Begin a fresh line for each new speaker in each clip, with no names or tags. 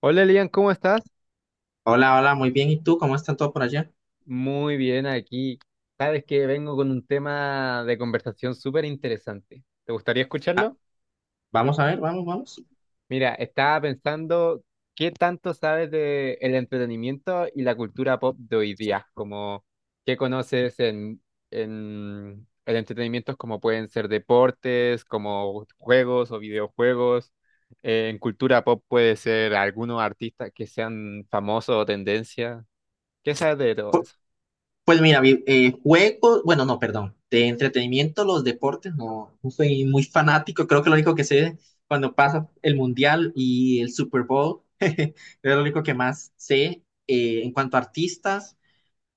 Hola Elian, ¿cómo estás?
Hola, hola, muy bien. ¿Y tú? ¿Cómo están todos por allá?
Muy bien aquí. Sabes que vengo con un tema de conversación súper interesante. ¿Te gustaría
Ah,
escucharlo?
vamos a ver, vamos, vamos.
Mira, estaba pensando qué tanto sabes de el entretenimiento y la cultura pop de hoy día, como qué conoces en el entretenimiento como pueden ser deportes, como juegos o videojuegos. En cultura pop puede ser algunos artistas que sean famosos o tendencia. ¿Qué sabes de todo eso?
Pues mira, juegos, bueno, no, perdón, de entretenimiento, los deportes, no, no soy muy fanático. Creo que lo único que sé cuando pasa el Mundial y el Super Bowl, es lo único que más sé. En cuanto a artistas,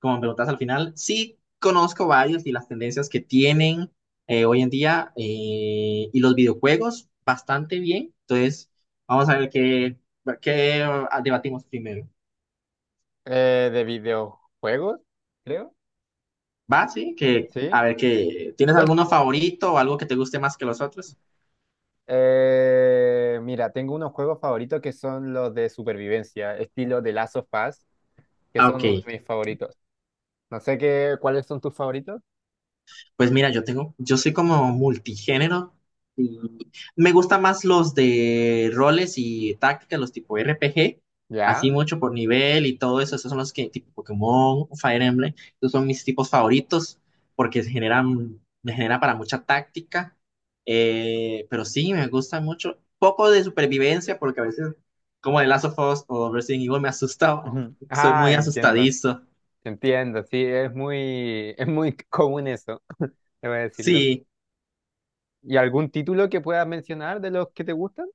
como me preguntas al final, sí conozco varios y las tendencias que tienen hoy en día y los videojuegos bastante bien. Entonces, vamos a ver qué debatimos primero.
De videojuegos, creo.
¿Va? Sí, que a
Sí.
ver que tienes
Cuen-
alguno favorito o algo que te guste más que los otros.
mira, tengo unos juegos favoritos que son los de supervivencia, estilo de Last of Us, que
Ah, ok.
son uno de mis favoritos. No sé qué, ¿cuáles son tus favoritos?
Pues mira, yo soy como multigénero y me gustan más los de roles y tácticas, los tipo RPG,
Ya.
así mucho por nivel y todo eso. Esos son los que, tipo Pokémon, Fire Emblem, esos son mis tipos favoritos porque me genera para mucha táctica. Pero sí, me gusta mucho. Poco de supervivencia porque a veces, como de Last of Us o Resident Evil, me asusta,
Ujú.
soy
Ah,
muy
entiendo.
asustadizo.
Entiendo, sí, es muy, es muy común eso, debo decirlo.
Sí.
¿Y algún título que puedas mencionar de los que te gustan?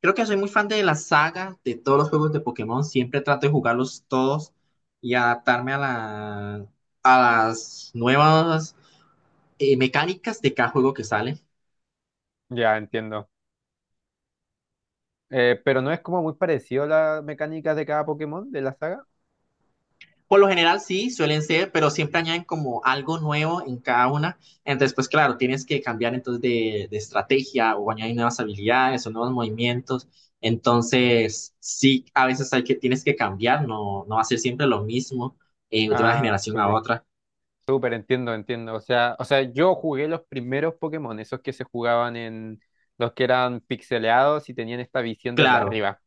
Creo que soy muy fan de la saga, de todos los juegos de Pokémon. Siempre trato de jugarlos todos y adaptarme a las nuevas mecánicas de cada juego que sale.
Ya, entiendo. Pero no es como muy parecido a las mecánicas de cada Pokémon de la saga.
Por lo general sí, suelen ser, pero siempre añaden como algo nuevo en cada una. Entonces, pues claro, tienes que cambiar entonces de estrategia o añadir nuevas habilidades o nuevos movimientos. Entonces, sí, a veces hay que, tienes que cambiar, no, no hacer siempre lo mismo de una
Ah,
generación a
súper.
otra.
Súper, entiendo, entiendo. O sea, yo jugué los primeros Pokémon, esos que se jugaban en los que eran pixeleados y tenían esta visión desde
Claro,
arriba.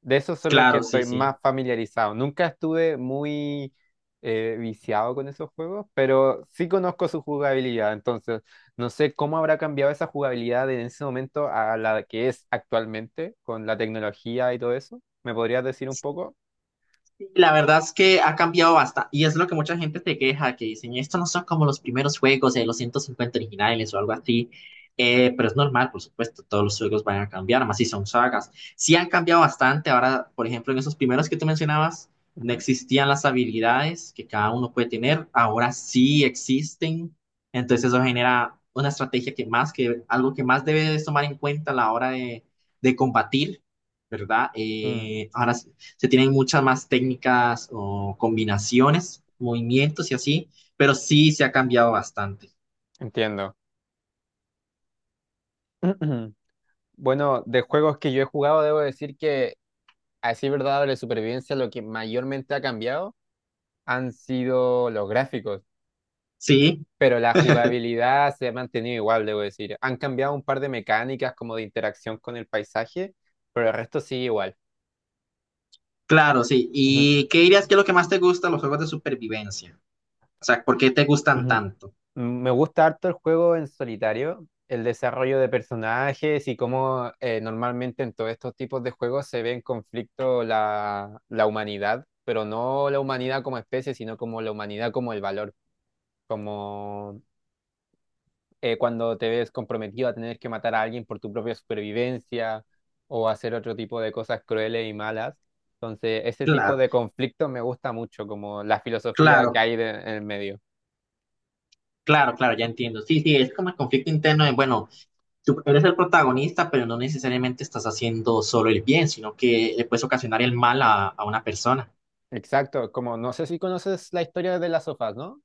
De esos son los que
claro, sí,
estoy
sí.
más familiarizado. Nunca estuve muy viciado con esos juegos, pero sí conozco su jugabilidad. Entonces, no sé cómo habrá cambiado esa jugabilidad en ese momento a la que es actualmente, con la tecnología y todo eso. ¿Me podrías decir un poco?
Sí, la verdad es que ha cambiado bastante, y es lo que mucha gente te queja, que dicen, esto no son como los primeros juegos de los 150 originales o algo así, pero es normal, por supuesto, todos los juegos van a cambiar, más si son sagas. Sí han cambiado bastante, ahora, por ejemplo, en esos primeros que tú mencionabas, no
Ujú.
existían las habilidades que cada uno puede tener, ahora sí existen, entonces eso genera una estrategia que más, que algo que más debes tomar en cuenta a la hora de combatir. ¿Verdad?
Mm,
Ahora sí, se tienen muchas más técnicas o combinaciones, movimientos y así, pero sí se ha cambiado bastante.
entiendo. Bueno, de juegos que yo he jugado, debo decir que, así verdad, de supervivencia, lo que mayormente ha cambiado han sido los gráficos,
Sí,
pero la jugabilidad se ha mantenido igual, debo decir. Han cambiado un par de mecánicas como de interacción con el paisaje, pero el resto sigue igual.
claro, sí.
Ujú.
¿Y qué dirías que es lo que más te gusta de los juegos de supervivencia? O sea, ¿por qué te gustan
Ujú.
tanto?
Mm, me gusta harto el juego en solitario, el desarrollo de personajes y cómo normalmente en todos estos tipos de juegos se ve en conflicto la humanidad, pero no la humanidad como especie, sino como la humanidad como el valor, como cuando te ves comprometido a tener que matar a alguien por tu propia supervivencia o hacer otro tipo de cosas crueles y malas. Entonces, ese tipo
Claro,
de conflicto me gusta mucho, como la filosofía que
claro,
hay en el medio.
claro, claro, ya entiendo. Sí, sí, es como el conflicto interno de, bueno, tú eres el protagonista, pero no necesariamente estás haciendo solo el bien, sino que le puedes ocasionar el mal a una persona.
Exacto, como no sé si conoces la historia de las sofás, ¿no?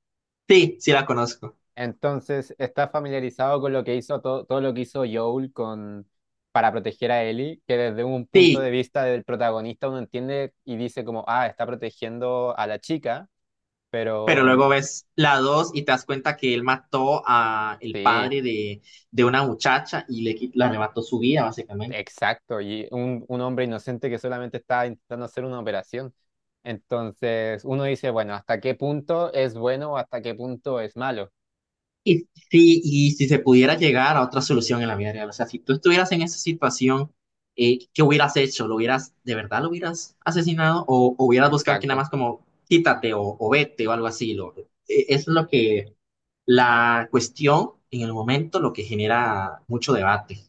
Sí, sí la conozco.
Entonces, ¿estás familiarizado con lo que hizo todo lo que hizo Joel con para proteger a Ellie? Que desde un punto de
Sí,
vista del protagonista uno entiende y dice como, ah, está protegiendo a la chica,
pero
pero
luego ves la 2 y te das cuenta que él mató a el
sí,
padre de una muchacha y le arrebató su vida, básicamente.
exacto, y un hombre inocente que solamente está intentando hacer una operación. Entonces, uno dice, bueno, ¿hasta qué punto es bueno o hasta qué punto es malo?
Y si se pudiera llegar a otra solución en la vida real, o sea, si tú estuvieras en esa situación, ¿qué hubieras hecho? ¿Lo hubieras, de verdad lo hubieras asesinado o hubieras buscado que nada
Exacto.
más como quítate o vete o algo así? Es lo que la cuestión en el momento, lo que genera mucho debate.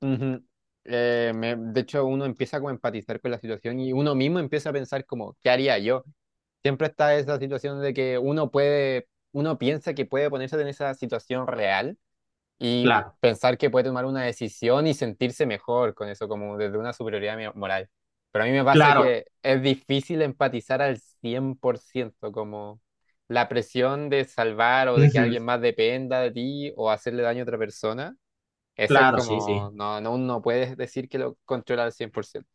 Ujú. De hecho, uno empieza como a empatizar con la situación y uno mismo empieza a pensar como, ¿qué haría yo? Siempre está esa situación de que uno puede, uno piensa que puede ponerse en esa situación real y
Claro,
pensar que puede tomar una decisión y sentirse mejor con eso, como desde una superioridad moral. Pero a mí me pasa
claro,
que es difícil empatizar al 100% como la presión de salvar o de que
ujú,
alguien más dependa de ti o hacerle daño a otra persona. Eso es
claro, sí,
como,
sí.
no, no, no puedes decir que lo controla al 100%.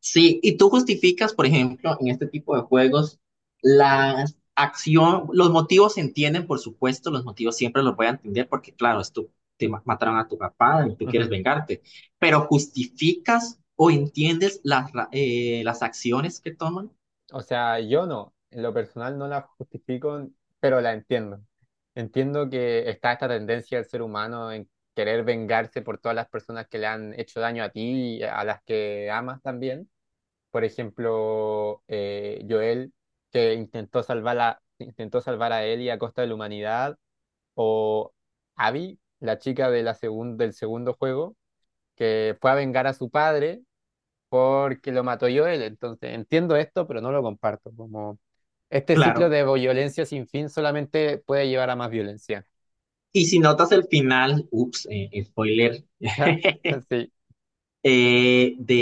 Sí, y tú justificas, por ejemplo, en este tipo de juegos, la acción, los motivos se entienden, por supuesto, los motivos siempre los voy a entender porque, claro, es tu- te ma- mataron a tu papá y tú quieres
Ujú.
vengarte, pero justificas o entiendes las acciones que toman,
O sea, yo no, en lo personal no la justifico, pero la entiendo. Entiendo que está esta tendencia del ser humano en querer vengarse por todas las personas que le han hecho daño a ti y a las que amas también. Por ejemplo, Joel, que intentó salvar a Ellie a costa de la humanidad, o Abby, la chica de del segundo juego que fue a vengar a su padre porque lo mató Joel. Entonces, entiendo esto, pero no lo comparto. Como este ciclo
claro.
de violencia sin fin solamente puede llevar a más violencia.
Y si notas el final, ups, spoiler,
Sí,
eh, de,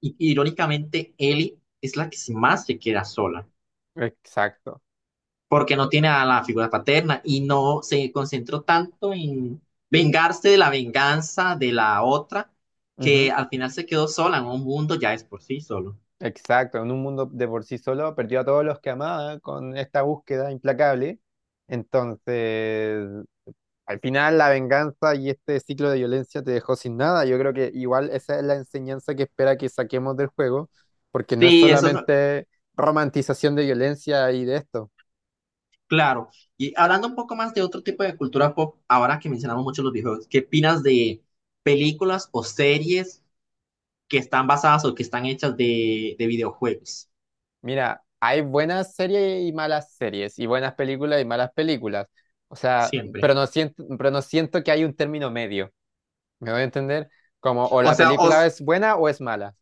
irónicamente, Ellie es la que más se queda sola.
exacto.
Porque no tiene a la figura paterna y no se concentró tanto en vengarse de la venganza de la otra que
Ujú.
al final se quedó sola en un mundo ya es por sí solo.
Exacto. En un mundo de por sí solo perdió a todos los que amaba con esta búsqueda implacable. Entonces, al final la venganza y este ciclo de violencia te dejó sin nada. Yo creo que igual esa es la enseñanza que espera que saquemos del juego, porque no es
Sí, eso es lo-
solamente romantización de violencia y de esto.
claro. Y hablando un poco más de otro tipo de cultura pop, ahora que mencionamos mucho los videojuegos, ¿qué opinas de películas o series que están basadas o que están hechas de videojuegos?
Mira, hay buenas series y malas series, y buenas películas y malas películas. O sea,
Siempre.
pero no siento que hay un término medio. ¿Me voy a entender? Como o
O
la
sea,
película
os,
es buena o es mala.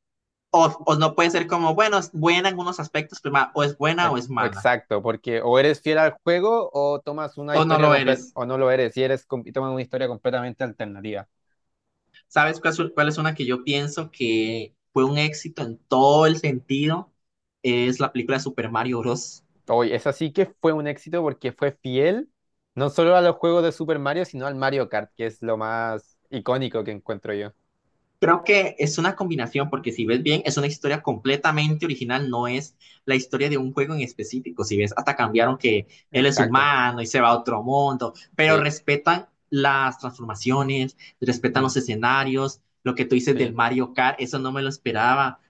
Os no puede ser como, bueno, es buena en unos aspectos, o es buena o
Ex-
es mala,
Exacto, porque o eres fiel al juego o tomas una
o no
historia
lo
completa,
eres.
o no lo eres, y eres y tomas una historia completamente alternativa.
¿Sabes cuál es una que yo pienso que fue un éxito en todo el sentido? Es la película de Super Mario Bros.
Hoy esa sí que fue un éxito porque fue fiel no solo a los juegos de Super Mario, sino al Mario Kart, que es lo más icónico que encuentro yo.
Creo que es una combinación, porque si ves bien, es una historia completamente original, no es la historia de un juego en específico. Si ves, hasta cambiaron que él es
Exacto,
humano y se va a otro mundo, pero
sí.
respetan las transformaciones, respetan los
Ujú.
escenarios, lo que tú dices del
Sí.
Mario Kart, eso no me lo esperaba.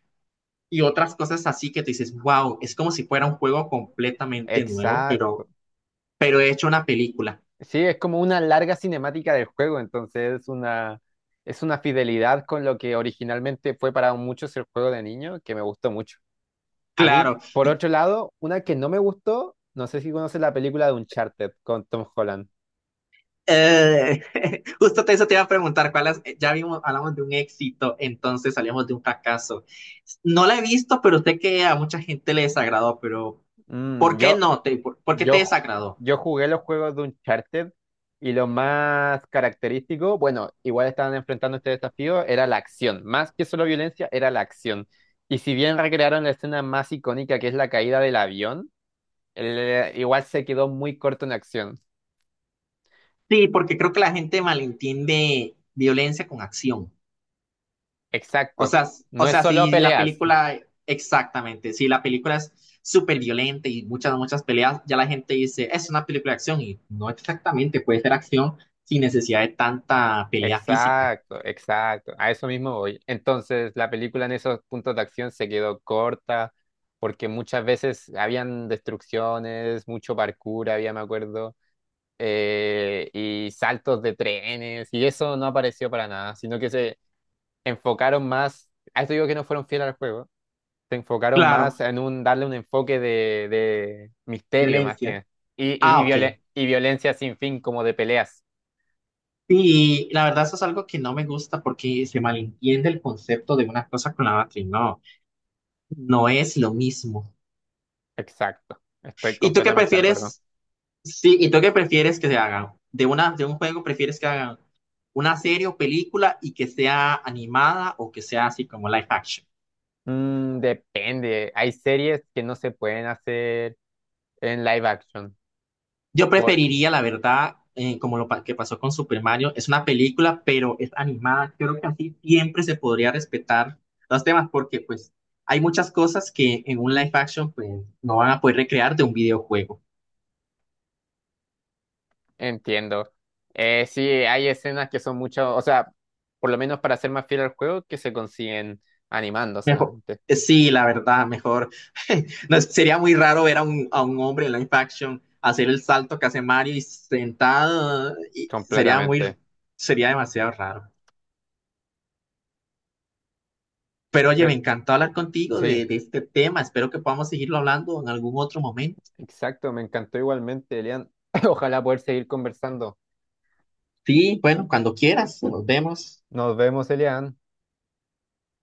Y otras cosas así que tú dices, wow, es como si fuera un juego completamente nuevo,
Exacto.
pero he hecho una película,
Sí, es como una larga cinemática del juego, entonces es una fidelidad con lo que originalmente fue para muchos el juego de niño, que me gustó mucho. A mí,
claro.
por
Y,
otro lado, una que no me gustó, no sé si conoces la película de Uncharted con Tom Holland.
eh, eso te iba a preguntar, ¿cuál es? Ya vimos, hablamos de un éxito, entonces salimos de un fracaso. No la he visto, pero sé que a mucha gente le desagradó, pero
Mm,
¿por qué
yo
no? ¿Por qué te
Yo, ju-
desagradó?
yo jugué los juegos de Uncharted y lo más característico, bueno, igual estaban enfrentando este desafío, era la acción. Más que solo violencia, era la acción. Y si bien recrearon la escena más icónica, que es la caída del avión, igual se quedó muy corto en acción.
Sí, porque creo que la gente malentiende violencia con acción.
Exacto.
O
No es
sea,
solo
si la
peleas.
película, exactamente, si la película es súper violenta y muchas peleas, ya la gente dice, es una película de acción y no exactamente, puede ser acción sin necesidad de tanta pelea física.
Exacto, exacto. A eso mismo voy. Entonces, la película en esos puntos de acción se quedó corta porque muchas veces habían destrucciones, mucho parkour, había, me acuerdo, y saltos de trenes, y eso no apareció para nada, sino que se enfocaron más, a esto digo que no fueron fieles al juego, se enfocaron
Claro,
más en un darle un enfoque de, misterio más
violencia.
que, y, y,
Ah,
y
ok.
violen- y violencia sin fin como de peleas.
Y la verdad eso es algo que no me gusta porque se malentiende el concepto de una cosa con la otra y no, no es lo mismo.
Exacto, estoy
¿Y tú qué
completamente de acuerdo.
prefieres? Sí, ¿y tú qué prefieres que se hagan? De un juego prefieres que hagan una serie o película y que sea animada o que sea así como live action.
Mm, depende. Hay series que no se pueden hacer en live action.
Yo
Por,
preferiría, la verdad, que pasó con Super Mario, es una película, pero es animada. Creo que así siempre se podría respetar los temas porque pues hay muchas cosas que en un live action pues no van a poder recrear de un videojuego.
Entiendo. Sí, hay escenas que son mucho, o sea, por lo menos para ser más fiel al juego, que se consiguen animando
Mejor,
solamente,
sí, la verdad, mejor. No, sería muy raro ver a a un hombre en live action hacer el salto que hace Mario y sentado. Y sería muy,
completamente.
sería demasiado raro. Pero oye, me
Pero-
encantó hablar contigo
sí,
de este tema. Espero que podamos seguirlo hablando en algún otro momento.
exacto. Me encantó igualmente, Elian. Ojalá poder seguir conversando.
Sí, bueno, cuando quieras, nos vemos.
Nos vemos, Elian.